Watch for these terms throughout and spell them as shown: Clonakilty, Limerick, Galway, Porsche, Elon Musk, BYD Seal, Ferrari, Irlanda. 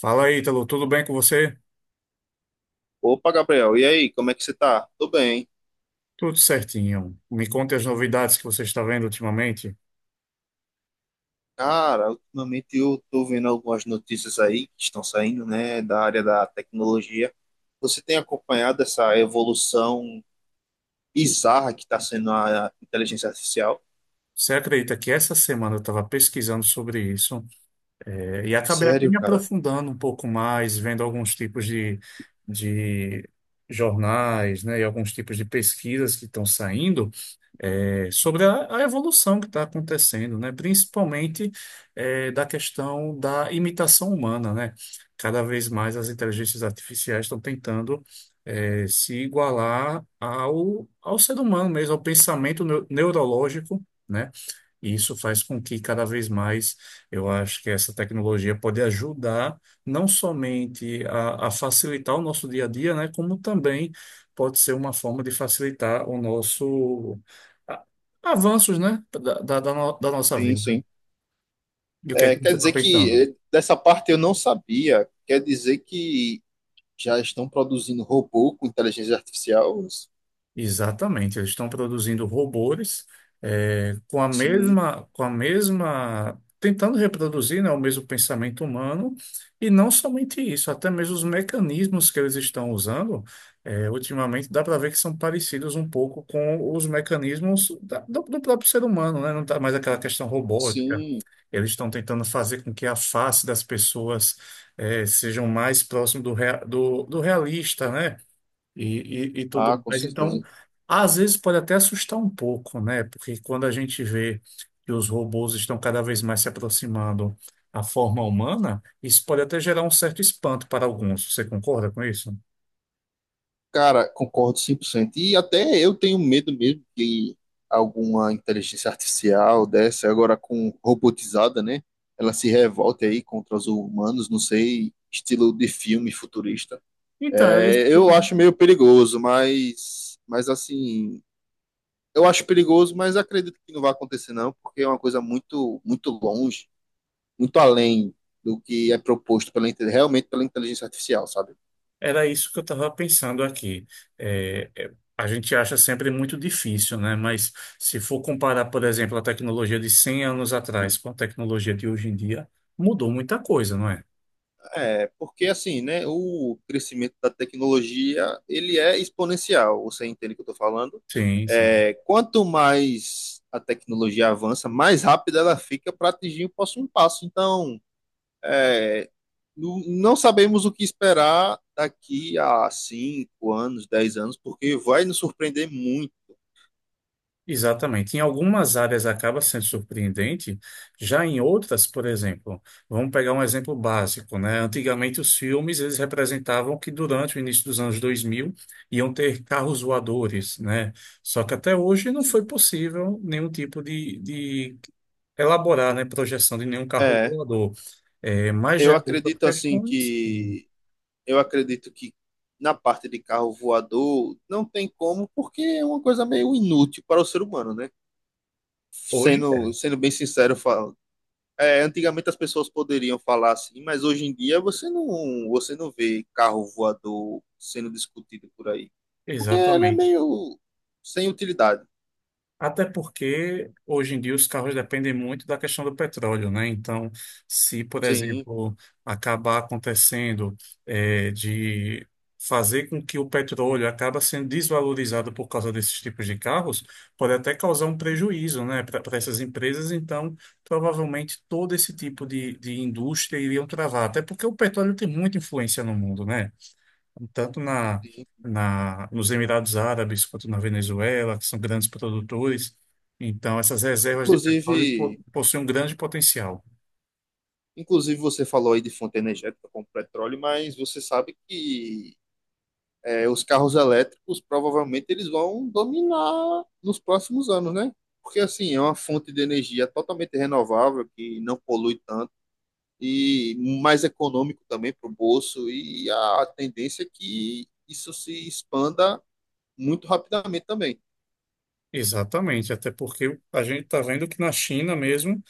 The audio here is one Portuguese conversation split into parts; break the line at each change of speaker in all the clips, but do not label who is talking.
Fala aí, Ítalo, tudo bem com você?
Opa, Gabriel, e aí, como é que você tá? Tô bem.
Tudo certinho. Me conte as novidades que você está vendo ultimamente.
Cara, ultimamente eu tô vendo algumas notícias aí que estão saindo, né, da área da tecnologia. Você tem acompanhado essa evolução bizarra que está sendo a inteligência artificial?
Você acredita que essa semana eu estava pesquisando sobre isso, e acabei aqui
Sério,
me
cara?
aprofundando um pouco mais, vendo alguns tipos de jornais, né, e alguns tipos de pesquisas que estão saindo. Sobre a evolução que está acontecendo, né? Principalmente da questão da imitação humana, né? Cada vez mais as inteligências artificiais estão tentando se igualar ao ser humano mesmo, ao pensamento neurológico, né? E isso faz com que cada vez mais eu acho que essa tecnologia pode ajudar não somente a facilitar o nosso dia a dia, né, como também pode ser uma forma de facilitar o nosso a- avanços, né, da, da, da no- da nossa
Sim,
vida.
sim.
E o que é
É,
que você
quer
está
dizer que
pensando?
dessa parte eu não sabia. Quer dizer que já estão produzindo robô com inteligência artificial?
Exatamente, eles estão produzindo robôs
Sim,
com a mesma, tentando reproduzir, né, o mesmo pensamento humano, e não somente isso, até mesmo os mecanismos que eles estão usando, ultimamente dá para ver que são parecidos um pouco com os mecanismos do próprio ser humano, né? Não tá mais aquela questão robótica.
sim.
Eles estão tentando fazer com que a face das pessoas sejam mais próximo do realista, né? E
Ah,
tudo
com
mais. Então,
certeza.
às vezes pode até assustar um pouco, né? Porque quando a gente vê que os robôs estão cada vez mais se aproximando à forma humana, isso pode até gerar um certo espanto para alguns. Você concorda com isso?
Cara, concordo 100%. E até eu tenho medo mesmo que alguma inteligência artificial dessa, agora com robotizada, né? Ela se revolte aí contra os humanos, não sei, estilo de filme futurista.
Então, era isso
É,
que eu
eu acho meio perigoso, mas assim, eu acho perigoso, mas acredito que não vai acontecer não, porque é uma coisa muito, muito longe, muito além do que é proposto pela, realmente pela inteligência artificial, sabe?
Era isso que eu estava pensando aqui. A gente acha sempre muito difícil, né? Mas se for comparar, por exemplo, a tecnologia de 100 anos atrás com a tecnologia de hoje em dia, mudou muita coisa, não é?
É, porque assim, né, o crescimento da tecnologia, ele é exponencial, você entende o que eu estou falando?
Sim, sim.
É, quanto mais a tecnologia avança, mais rápida ela fica para atingir o próximo passo. Então, é, não sabemos o que esperar daqui a 5 anos, 10 anos, porque vai nos surpreender muito.
Exatamente. Em algumas áreas acaba sendo surpreendente, já em outras, por exemplo, vamos pegar um exemplo básico, né? Antigamente os filmes eles representavam que durante o início dos anos 2000 iam ter carros voadores, né? Só que até hoje não foi possível nenhum tipo de, elaborar, né, projeção de nenhum carro
É,
voador. É, mas já
eu
em outras
acredito assim
questões,
que eu acredito que na parte de carro voador não tem como, porque é uma coisa meio inútil para o ser humano, né?
hoje é.
Sendo, sendo bem sincero, eu falo, é, antigamente as pessoas poderiam falar assim, mas hoje em dia você não vê carro voador sendo discutido por aí. Porque ele é
Exatamente.
meio sem utilidade.
Até porque hoje em dia os carros dependem muito da questão do petróleo, né? Então, se, por
Sim,
exemplo, acabar acontecendo de fazer com que o petróleo acaba sendo desvalorizado por causa desses tipos de carros, pode até causar um prejuízo, né, para essas empresas. Então, provavelmente todo esse tipo de indústria iriam travar, até porque o petróleo tem muita influência no mundo, né? Tanto
sim.
nos Emirados Árabes quanto na Venezuela, que são grandes produtores. Então, essas reservas de petróleo
Inclusive,
possuem um grande potencial.
inclusive você falou aí de fonte energética como petróleo, mas você sabe que é, os carros elétricos provavelmente eles vão dominar nos próximos anos, né? Porque assim, é uma fonte de energia totalmente renovável que não polui tanto e mais econômico também para o bolso e a tendência é que isso se expanda muito rapidamente também.
Exatamente, até porque a gente está vendo que na China mesmo,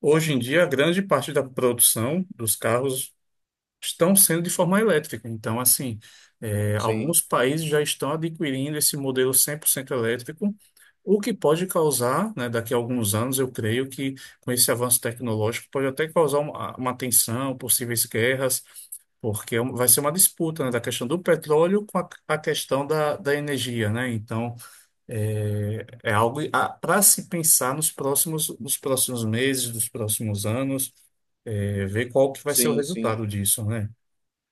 hoje em dia, a grande parte da produção dos carros estão sendo de forma elétrica. Então, assim,
Sim,
alguns países já estão adquirindo esse modelo 100% elétrico, o que pode causar, né, daqui a alguns anos, eu creio que com esse avanço tecnológico pode até causar uma tensão, possíveis guerras, porque vai ser uma disputa, né, da questão do petróleo com a questão da energia, né? Então, é algo para se pensar nos próximos meses, nos próximos anos, ver qual que vai ser o
sim, sim.
resultado disso, né?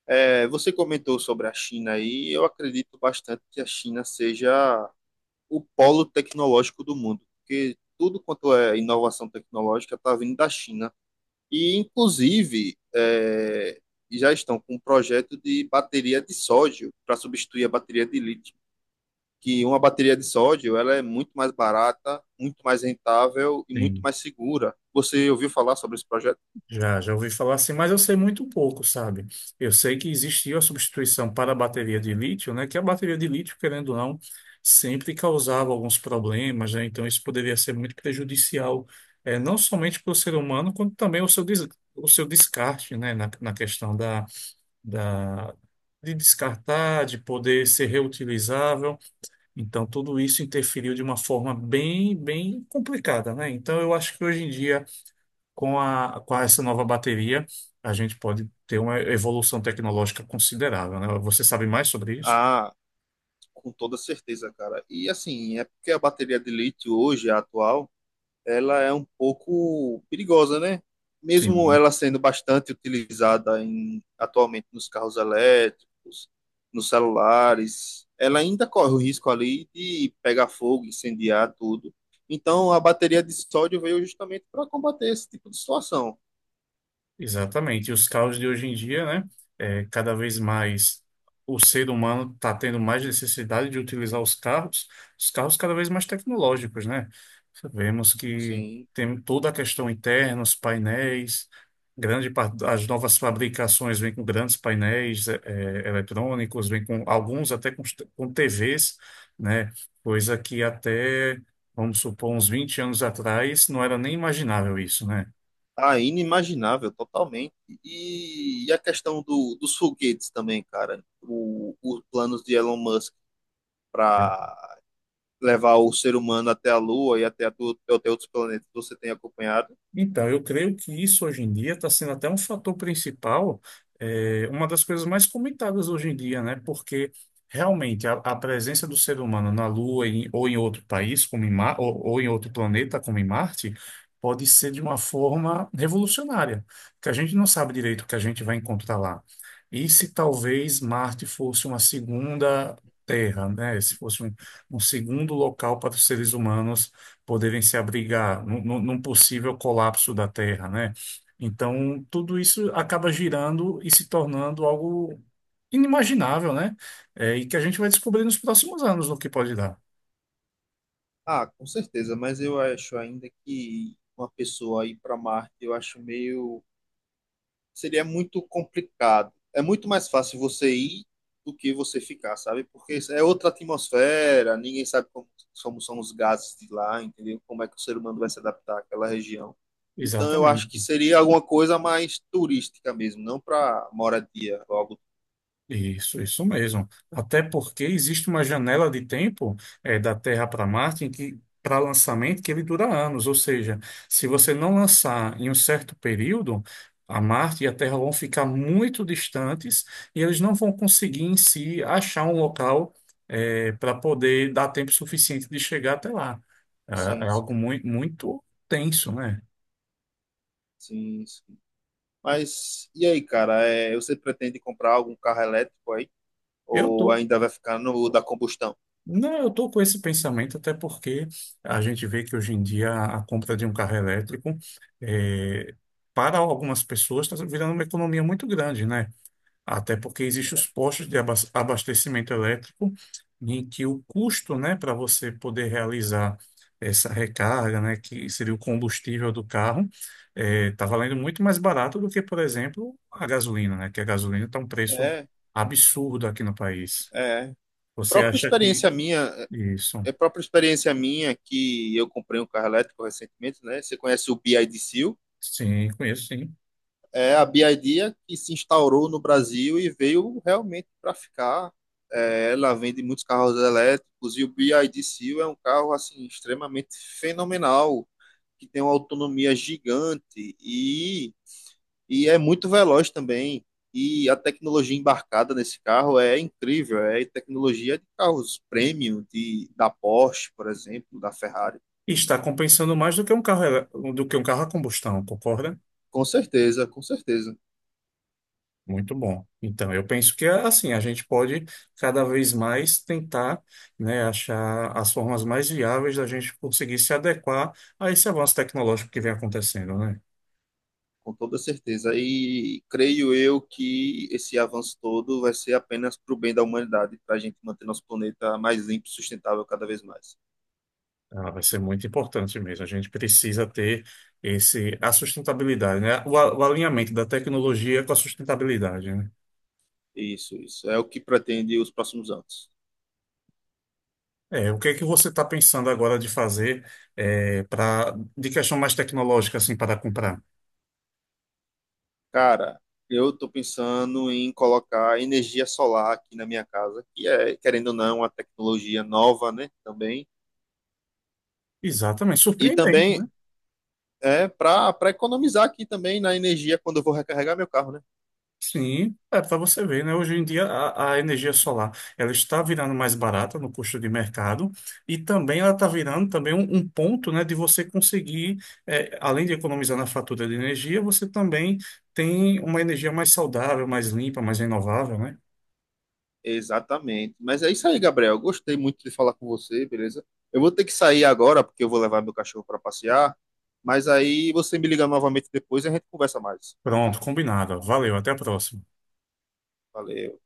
É, você comentou sobre a China aí, eu acredito bastante que a China seja o polo tecnológico do mundo, porque tudo quanto é inovação tecnológica está vindo da China. E, inclusive, é, já estão com um projeto de bateria de sódio para substituir a bateria de lítio. Que uma bateria de sódio ela é muito mais barata, muito mais rentável e muito
Sim,
mais segura. Você ouviu falar sobre esse projeto?
já ouvi falar assim, mas eu sei muito pouco, sabe? Eu sei que existiu a substituição para a bateria de lítio, né? Que a bateria de lítio, querendo ou não, sempre causava alguns problemas, né? Então isso poderia ser muito prejudicial, não somente para o ser humano, quanto também o seu, o seu descarte, né? Na questão da, de descartar, de poder ser reutilizável. Então tudo isso interferiu de uma forma bem, bem complicada, né? Então eu acho que hoje em dia com essa nova bateria, a gente pode ter uma evolução tecnológica considerável, né? Você sabe mais sobre isso?
Ah, com toda certeza, cara. E assim, é porque a bateria de lítio hoje, a atual, ela é um pouco perigosa, né? Mesmo
Sim.
ela sendo bastante utilizada em, atualmente nos carros elétricos, nos celulares, ela ainda corre o risco ali de pegar fogo, incendiar tudo. Então, a bateria de sódio veio justamente para combater esse tipo de situação.
Exatamente. E os carros de hoje em dia, né? É, cada vez mais o ser humano está tendo mais necessidade de utilizar os carros cada vez mais tecnológicos, né? Sabemos que
Sim,
tem toda a questão interna, os painéis, grande parte das novas fabricações vem com grandes painéis eletrônicos, vem com alguns até com TVs, né? Coisa que até, vamos supor, uns 20 anos atrás não era nem imaginável isso, né?
tá inimaginável totalmente. E a questão do, dos foguetes também, cara. O, os planos de Elon Musk para levar o ser humano até a Lua e até, até outros planetas, você tem acompanhado?
Então, eu creio que isso hoje em dia está sendo até um fator principal, uma das coisas mais comentadas hoje em dia, né? Porque realmente a presença do ser humano na Lua em- ou em outro país, como em Mar, ou em outro planeta, como em Marte, pode ser de uma forma revolucionária, que a gente não sabe direito o que a gente vai encontrar lá. E se talvez Marte fosse uma segunda Terra, né? Se fosse um segundo local para os seres humanos poderem se abrigar num possível colapso da Terra, né? Então, tudo isso acaba girando e se tornando algo inimaginável, né? É, e que a gente vai descobrir nos próximos anos no que pode dar.
Ah, com certeza, mas eu acho ainda que uma pessoa ir para Marte, eu acho meio. Seria muito complicado. É muito mais fácil você ir do que você ficar, sabe? Porque é outra atmosfera, ninguém sabe como, como são os gases de lá, entendeu? Como é que o ser humano vai se adaptar àquela região. Então, eu acho que
Exatamente.
seria alguma coisa mais turística mesmo, não para moradia, algo.
Isso mesmo. Até porque existe uma janela de tempo da Terra para Marte em que para lançamento que ele dura anos, ou seja, se você não lançar em um certo período, a Marte e a Terra vão ficar muito distantes e eles não vão conseguir em si achar um local para poder dar tempo suficiente de chegar até lá. É,
Sim,
é algo muito, muito tenso, né?
sim. Mas e aí, cara? É, você pretende comprar algum carro elétrico aí?
Eu
Ou
tô
ainda vai ficar no da combustão?
Não, eu estou com esse pensamento até porque a gente vê que hoje em dia a compra de um carro elétrico, eh, para algumas pessoas, está virando uma economia muito grande, né? Até porque existem os postos de abastecimento elétrico em que o custo, né, para você poder realizar essa recarga, né, que seria o combustível do carro, está valendo muito mais barato do que, por exemplo, a gasolina, né? Que a gasolina está um preço
É,
absurdo aqui no país.
é.
Você
Própria
acha que
experiência minha, é
isso?
é própria experiência minha que eu comprei um carro elétrico recentemente, né? Você conhece o BYD Seal?
Sim, conheço, sim.
É a BYD é que se instaurou no Brasil e veio realmente para ficar. É, ela vende muitos carros elétricos e o BYD Seal é um carro assim extremamente fenomenal, que tem uma autonomia gigante e é muito veloz também. E a tecnologia embarcada nesse carro é incrível, é tecnologia de carros premium, de, da Porsche, por exemplo, da Ferrari.
E está compensando mais do que um carro, do que um carro a combustão, concorda?
Com certeza, com certeza,
Muito bom. Então, eu penso que assim, a gente pode cada vez mais tentar, né, achar as formas mais viáveis da gente conseguir se adequar a esse avanço tecnológico que vem acontecendo, né?
com toda certeza. E creio eu que esse avanço todo vai ser apenas para o bem da humanidade, para a gente manter nosso planeta mais limpo e sustentável cada vez mais.
Ah, vai ser muito importante mesmo. A gente precisa ter esse, a sustentabilidade, né? O alinhamento da tecnologia com a sustentabilidade, né?
Isso, isso. É o que pretende os próximos anos.
É, o que é que você está pensando agora de fazer para de questão mais tecnológica assim para comprar?
Cara, eu tô pensando em colocar energia solar aqui na minha casa, que é, querendo ou não, uma tecnologia nova, né? Também.
Exatamente,
E
surpreendente,
também
né?
é para economizar aqui também na energia quando eu vou recarregar meu carro, né?
Sim, é para você ver, né? Hoje em dia a energia solar ela está virando mais barata no custo de mercado e também ela está virando também um ponto, né, de você conseguir, além de economizar na fatura de energia, você também tem uma energia mais saudável, mais limpa, mais renovável, né?
Exatamente. Mas é isso aí, Gabriel. Gostei muito de falar com você, beleza? Eu vou ter que sair agora porque eu vou levar meu cachorro para passear. Mas aí você me liga novamente depois e a gente conversa mais.
Pronto, combinado. Valeu, até a próxima.
Valeu.